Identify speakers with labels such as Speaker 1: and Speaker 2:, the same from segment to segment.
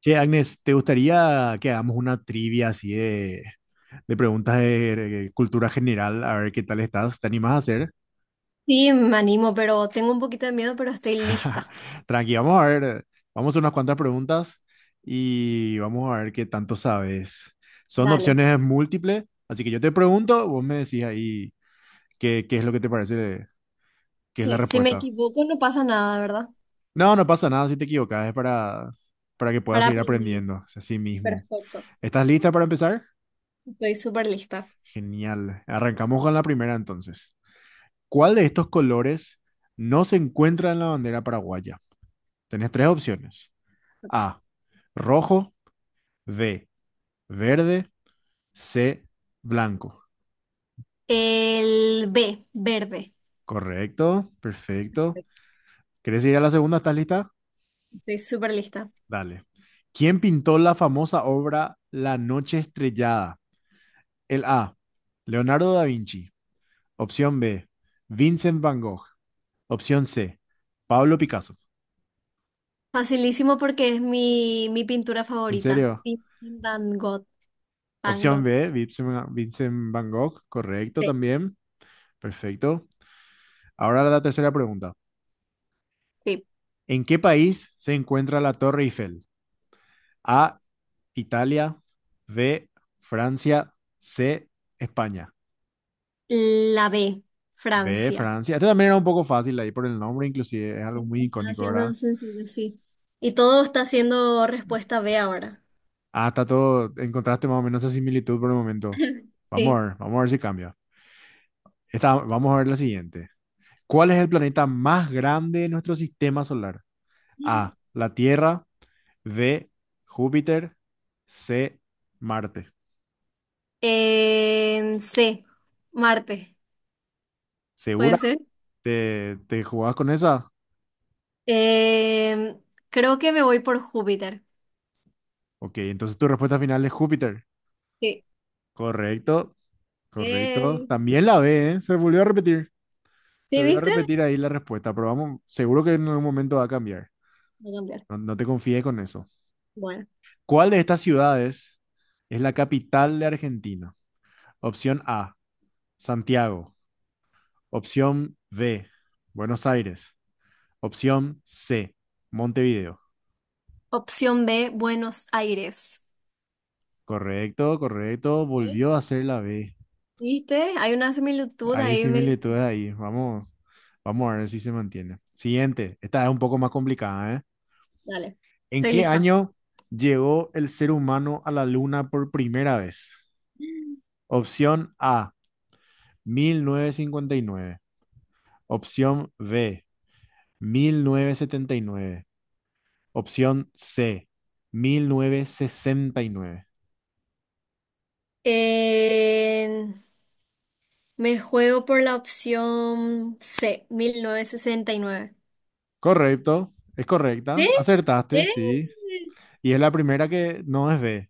Speaker 1: Che, Agnes, ¿te gustaría que hagamos una trivia así de preguntas de cultura general? A ver qué tal estás. ¿Te animas a hacer?
Speaker 2: Sí, me animo, pero tengo un poquito de miedo, pero estoy lista.
Speaker 1: Tranqui, vamos a ver. Vamos a hacer unas cuantas preguntas y vamos a ver qué tanto sabes. Son
Speaker 2: Dale.
Speaker 1: opciones múltiples, así que yo te pregunto, vos me decís ahí qué es lo que te parece, qué es la
Speaker 2: Si me
Speaker 1: respuesta.
Speaker 2: equivoco, no pasa nada, ¿verdad?
Speaker 1: No, no pasa nada si te equivocas, es para que puedas
Speaker 2: Para
Speaker 1: seguir
Speaker 2: aprender.
Speaker 1: aprendiendo, es así mismo.
Speaker 2: Perfecto.
Speaker 1: ¿Estás lista para empezar?
Speaker 2: Estoy súper lista.
Speaker 1: Genial. Arrancamos con la primera entonces. ¿Cuál de estos colores no se encuentra en la bandera paraguaya? Tenés tres opciones. A, rojo, B, verde, C, blanco.
Speaker 2: El B, verde.
Speaker 1: Correcto, perfecto. ¿Querés ir a la segunda? ¿Estás lista?
Speaker 2: Estoy súper lista.
Speaker 1: Dale. ¿Quién pintó la famosa obra La Noche Estrellada? El A, Leonardo da Vinci. Opción B, Vincent Van Gogh. Opción C, Pablo Picasso.
Speaker 2: Facilísimo porque es mi pintura
Speaker 1: ¿En
Speaker 2: favorita.
Speaker 1: serio?
Speaker 2: Sí. Van Gogh. Van
Speaker 1: Opción
Speaker 2: Gogh.
Speaker 1: B, Vincent Van Gogh, correcto
Speaker 2: Sí.
Speaker 1: también. Perfecto. Ahora la tercera pregunta.
Speaker 2: Sí.
Speaker 1: ¿En qué país se encuentra la Torre Eiffel? A, Italia, B, Francia, C, España.
Speaker 2: La B,
Speaker 1: B,
Speaker 2: Francia.
Speaker 1: Francia. Este también era un poco fácil ahí por el nombre, inclusive es algo muy
Speaker 2: Está
Speaker 1: icónico,
Speaker 2: haciendo
Speaker 1: ¿verdad?
Speaker 2: sencillo, sí. Y todo está haciendo respuesta B ahora.
Speaker 1: Ah, está todo, encontraste más o menos esa similitud por el momento.
Speaker 2: Sí.
Speaker 1: Vamos a ver si cambia. Vamos a ver la siguiente. ¿Cuál es el planeta más grande de nuestro sistema solar? A, la Tierra. D, Júpiter, C, Marte.
Speaker 2: Sí, Marte, puede
Speaker 1: ¿Segura?
Speaker 2: ser.
Speaker 1: ¿Te jugabas con esa?
Speaker 2: Em, Creo que me voy por Júpiter.
Speaker 1: Ok, entonces tu respuesta final es Júpiter.
Speaker 2: Sí.
Speaker 1: Correcto, correcto.
Speaker 2: Eh,
Speaker 1: También la B, ¿eh? Se volvió a repetir. Se
Speaker 2: ¿Sí
Speaker 1: volvió a
Speaker 2: viste?
Speaker 1: repetir ahí la respuesta, pero vamos, seguro que en algún momento va a cambiar.
Speaker 2: Voy a cambiar.
Speaker 1: No, no te confíes con eso.
Speaker 2: Bueno.
Speaker 1: ¿Cuál de estas ciudades es la capital de Argentina? Opción A, Santiago. Opción B, Buenos Aires. Opción C, Montevideo.
Speaker 2: Opción B, Buenos Aires.
Speaker 1: Correcto, correcto.
Speaker 2: ¿Sí?
Speaker 1: Volvió a hacer la B.
Speaker 2: ¿Viste? Hay una similitud
Speaker 1: Hay
Speaker 2: ahí. Me...
Speaker 1: similitudes ahí. Vamos, vamos a ver si se mantiene. Siguiente. Esta es un poco más complicada, ¿eh?
Speaker 2: Dale,
Speaker 1: ¿En
Speaker 2: estoy
Speaker 1: qué
Speaker 2: lista.
Speaker 1: año llegó el ser humano a la luna por primera vez? Opción A, 1959. Opción B, 1979. Opción C, 1969.
Speaker 2: Em, Me juego por la opción C, 1969.
Speaker 1: Correcto, es correcta.
Speaker 2: Sí.
Speaker 1: Acertaste, sí. Y es la primera que no es B.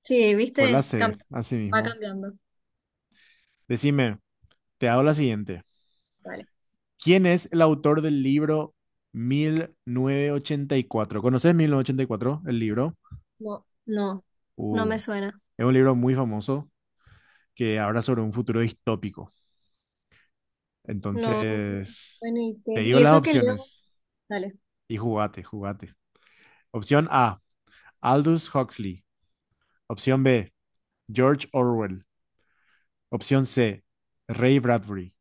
Speaker 2: ¿Sí? Sí
Speaker 1: Fue la
Speaker 2: viste.
Speaker 1: C, así
Speaker 2: Va
Speaker 1: mismo.
Speaker 2: cambiando.
Speaker 1: Decime, te hago la siguiente.
Speaker 2: Vale.
Speaker 1: ¿Quién es el autor del libro 1984? ¿Conoces 1984, el libro?
Speaker 2: No, no, no
Speaker 1: Uh,
Speaker 2: me suena.
Speaker 1: es un libro muy famoso que habla sobre un futuro distópico.
Speaker 2: No, no me
Speaker 1: Entonces,
Speaker 2: suena y
Speaker 1: te digo
Speaker 2: y
Speaker 1: las
Speaker 2: eso que leo.
Speaker 1: opciones
Speaker 2: Dale.
Speaker 1: y jugate, jugate. Opción A, Aldous Huxley. Opción B, George Orwell. Opción C, Ray Bradbury.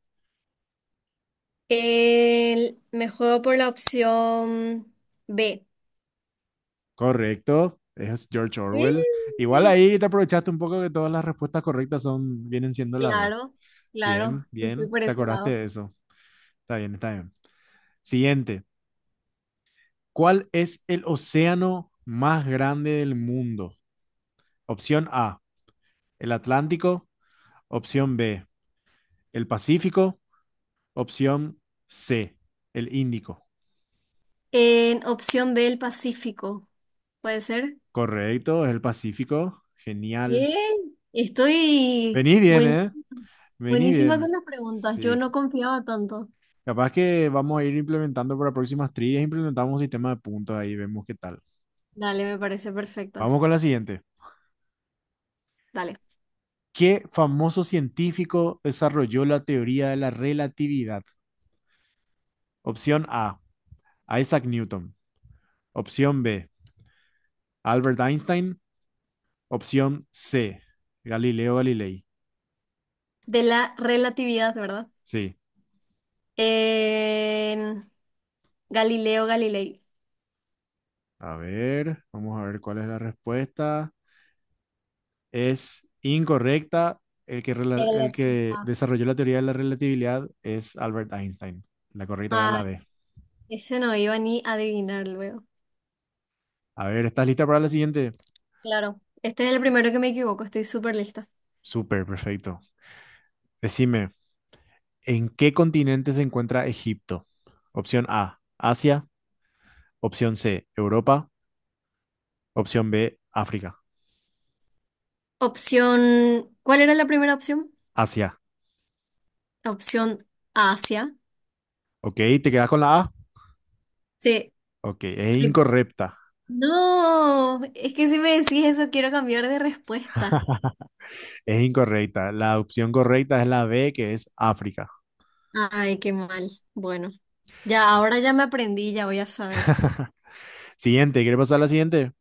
Speaker 2: Me juego por la opción B.
Speaker 1: Correcto, es George Orwell. Igual
Speaker 2: Sí.
Speaker 1: ahí te aprovechaste un poco que todas las respuestas correctas son, vienen siendo la B.
Speaker 2: Claro, claro,
Speaker 1: Bien,
Speaker 2: me fui
Speaker 1: bien,
Speaker 2: por
Speaker 1: te
Speaker 2: ese
Speaker 1: acordaste
Speaker 2: lado.
Speaker 1: de eso. Está bien, está bien. Siguiente, ¿cuál es el océano más grande del mundo? Opción A, el Atlántico. Opción B, el Pacífico. Opción C, el Índico.
Speaker 2: En opción B, el Pacífico. ¿Puede ser?
Speaker 1: Correcto, es el Pacífico. Genial.
Speaker 2: Bien. Estoy
Speaker 1: Vení bien,
Speaker 2: buen-
Speaker 1: ¿eh? Vení
Speaker 2: Buenísima con
Speaker 1: bien.
Speaker 2: las preguntas. Yo
Speaker 1: Sí,
Speaker 2: no confiaba tanto.
Speaker 1: capaz que vamos a ir implementando para próximas trillas, implementamos un sistema de puntos ahí, vemos qué tal.
Speaker 2: Dale, me parece perfecto.
Speaker 1: Vamos con la siguiente.
Speaker 2: Dale.
Speaker 1: ¿Qué famoso científico desarrolló la teoría de la relatividad? Opción A, Isaac Newton. Opción B, Albert Einstein. Opción C, Galileo Galilei.
Speaker 2: De la relatividad, ¿verdad?
Speaker 1: Sí.
Speaker 2: En Galileo Galilei.
Speaker 1: A ver, vamos a ver cuál es la respuesta. Es incorrecta. El
Speaker 2: Era la opción
Speaker 1: que
Speaker 2: A.
Speaker 1: desarrolló la teoría de la relatividad es Albert Einstein. La correcta era la
Speaker 2: Ay,
Speaker 1: B.
Speaker 2: ese no iba ni a adivinar luego.
Speaker 1: A ver, ¿estás lista para la siguiente?
Speaker 2: Claro, este es el primero que me equivoco, estoy súper lista.
Speaker 1: Súper, perfecto. Decime, ¿en qué continente se encuentra Egipto? Opción A, Asia. Opción C, Europa. Opción B, África.
Speaker 2: Opción, ¿cuál era la primera opción?
Speaker 1: Asia.
Speaker 2: Opción Asia.
Speaker 1: ¿Ok? ¿Te quedas con la A?
Speaker 2: Sí.
Speaker 1: Ok, es
Speaker 2: Ay,
Speaker 1: incorrecta.
Speaker 2: no, es que si me decís eso quiero cambiar de respuesta.
Speaker 1: Es incorrecta. La opción correcta es la B, que es África.
Speaker 2: Ay, qué mal. Bueno, ya ahora ya me aprendí, ya voy a saber.
Speaker 1: Siguiente, ¿quieres pasar a la siguiente?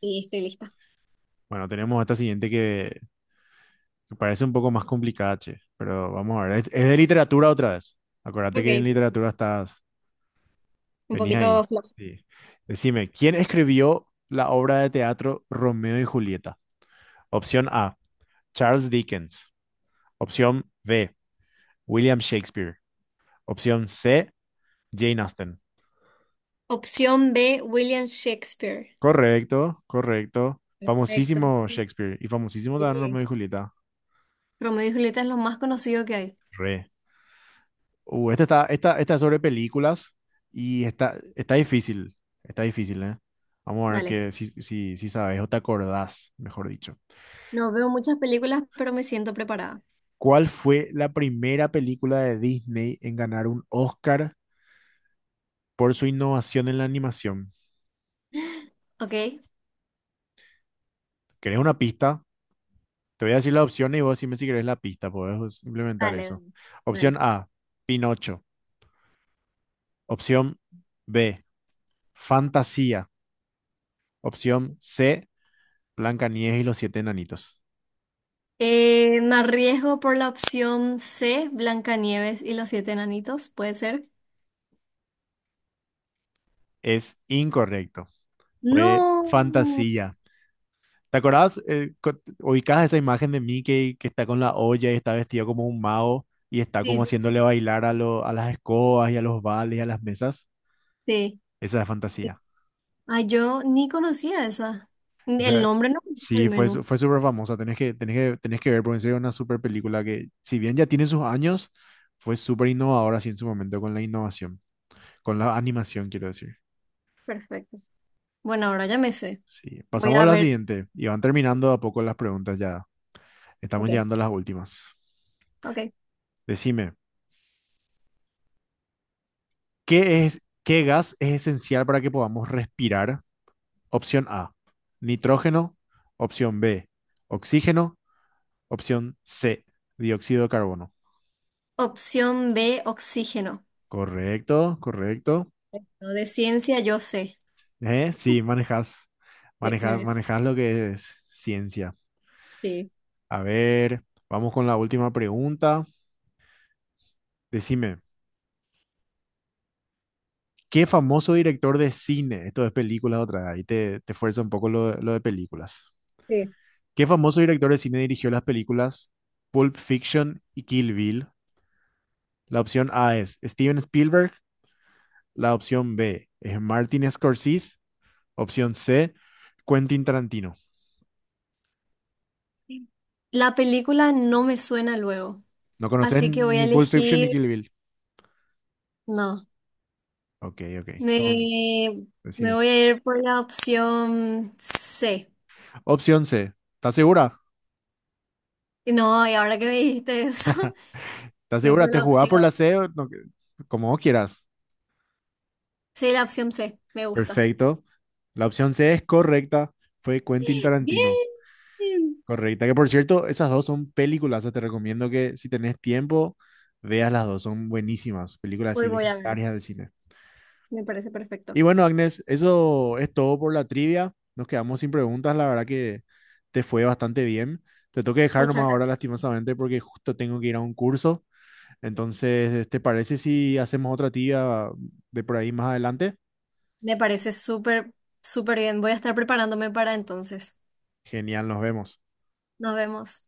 Speaker 2: Y estoy lista.
Speaker 1: Bueno, tenemos esta siguiente que parece un poco más complicada, che, pero vamos a ver. Es de literatura otra vez. Acuérdate
Speaker 2: Ok,
Speaker 1: que en literatura estás,
Speaker 2: un
Speaker 1: venía ahí.
Speaker 2: poquito flojo.
Speaker 1: Sí. Decime, ¿quién escribió la obra de teatro Romeo y Julieta? Opción A, Charles Dickens. Opción B, William Shakespeare. Opción C, Jane Austen.
Speaker 2: Opción B, William Shakespeare.
Speaker 1: Correcto, correcto.
Speaker 2: Perfecto.
Speaker 1: Famosísimo Shakespeare y famosísimo también Romeo
Speaker 2: Sí.
Speaker 1: y Julieta.
Speaker 2: Romeo y Julieta es lo más conocido que hay.
Speaker 1: Re. Esta es sobre películas y está difícil. Está difícil, ¿eh? Vamos a ver
Speaker 2: Dale.
Speaker 1: que si sabes o te acordás, mejor dicho.
Speaker 2: No veo muchas películas, pero me siento preparada.
Speaker 1: ¿Cuál fue la primera película de Disney en ganar un Oscar por su innovación en la animación?
Speaker 2: Ok,
Speaker 1: ¿Querés una pista? Te voy a decir la opción y vos decime si querés la pista, podés implementar
Speaker 2: dale,
Speaker 1: eso. Opción
Speaker 2: dale.
Speaker 1: A, Pinocho. Opción B, Fantasía. Opción C, Blancanieves y los siete enanitos.
Speaker 2: Me arriesgo por la opción C, Blancanieves y los siete enanitos, ¿puede ser?
Speaker 1: Es incorrecto. Fue
Speaker 2: No.
Speaker 1: Fantasía. ¿Te acordás? Eh, ubicás esa imagen de Mickey que está con la olla y está vestido como un mago y está
Speaker 2: Sí,
Speaker 1: como
Speaker 2: sí,
Speaker 1: haciéndole
Speaker 2: sí.
Speaker 1: bailar a, a las escobas y a los vales y a las mesas. Esa es
Speaker 2: Sí.
Speaker 1: fantasía.
Speaker 2: Ah, yo ni conocía esa. Ni el
Speaker 1: Esa,
Speaker 2: nombre no me dijo al
Speaker 1: sí, fue,
Speaker 2: menos.
Speaker 1: fue súper famosa. Tenés que, tenés que, tenés que ver, porque en serio es una súper película que, si bien ya tiene sus años, fue súper innovadora así en su momento con la innovación, con la animación, quiero decir.
Speaker 2: Perfecto. Bueno, ahora ya me sé.
Speaker 1: Sí,
Speaker 2: Voy
Speaker 1: pasamos a
Speaker 2: a
Speaker 1: la
Speaker 2: ver.
Speaker 1: siguiente y van terminando a poco las preguntas ya. Estamos
Speaker 2: Ok,
Speaker 1: llegando a las últimas.
Speaker 2: ok.
Speaker 1: Decime. ¿Qué gas es esencial para que podamos respirar? Opción A, nitrógeno. Opción B, oxígeno. Opción C, dióxido de carbono.
Speaker 2: Opción B, oxígeno.
Speaker 1: Correcto, correcto.
Speaker 2: No, de ciencia yo sé.
Speaker 1: Sí, manejas,
Speaker 2: Sí,
Speaker 1: manejas,
Speaker 2: manejo.
Speaker 1: manejas lo que es ciencia.
Speaker 2: Sí,
Speaker 1: A ver, vamos con la última pregunta. Decime, ¿qué famoso director de cine? Esto es películas otra vez, ahí te fuerza un poco lo de películas.
Speaker 2: sí.
Speaker 1: ¿Qué famoso director de cine dirigió las películas Pulp Fiction y Kill Bill? La opción A es Steven Spielberg, la opción B es Martin Scorsese, opción C, Quentin Tarantino.
Speaker 2: La película no me suena luego,
Speaker 1: No conoces
Speaker 2: así que voy a
Speaker 1: ni Pulp Fiction
Speaker 2: elegir,
Speaker 1: ni Kill Bill.
Speaker 2: no,
Speaker 1: Ok, ok, son,
Speaker 2: me, me
Speaker 1: decime.
Speaker 2: voy a ir por la opción C.
Speaker 1: Opción C, ¿estás segura?
Speaker 2: Y no, y ahora que me dijiste eso,
Speaker 1: ¿Estás
Speaker 2: voy
Speaker 1: segura?
Speaker 2: por
Speaker 1: ¿Te
Speaker 2: la
Speaker 1: jugás
Speaker 2: opción,
Speaker 1: por la C? ¿O no? Como vos quieras.
Speaker 2: sí, la opción C, me gusta.
Speaker 1: Perfecto. La opción C es correcta, fue Quentin
Speaker 2: Bien,
Speaker 1: Tarantino. Correcta, que por cierto, esas dos son películas, te recomiendo que si tenés tiempo, veas las dos, son buenísimas, películas
Speaker 2: hoy
Speaker 1: así
Speaker 2: voy a ver,
Speaker 1: legendarias del cine.
Speaker 2: me parece perfecto.
Speaker 1: Y bueno, Agnes, eso es todo por la trivia, nos quedamos sin preguntas, la verdad que te fue bastante bien. Te tengo que dejar nomás
Speaker 2: Muchas
Speaker 1: ahora
Speaker 2: gracias.
Speaker 1: lastimosamente porque justo tengo que ir a un curso, entonces, ¿te parece si hacemos otra trivia de por ahí más adelante?
Speaker 2: Me parece súper, súper bien. Voy a estar preparándome para entonces.
Speaker 1: Genial, nos vemos.
Speaker 2: Nos vemos.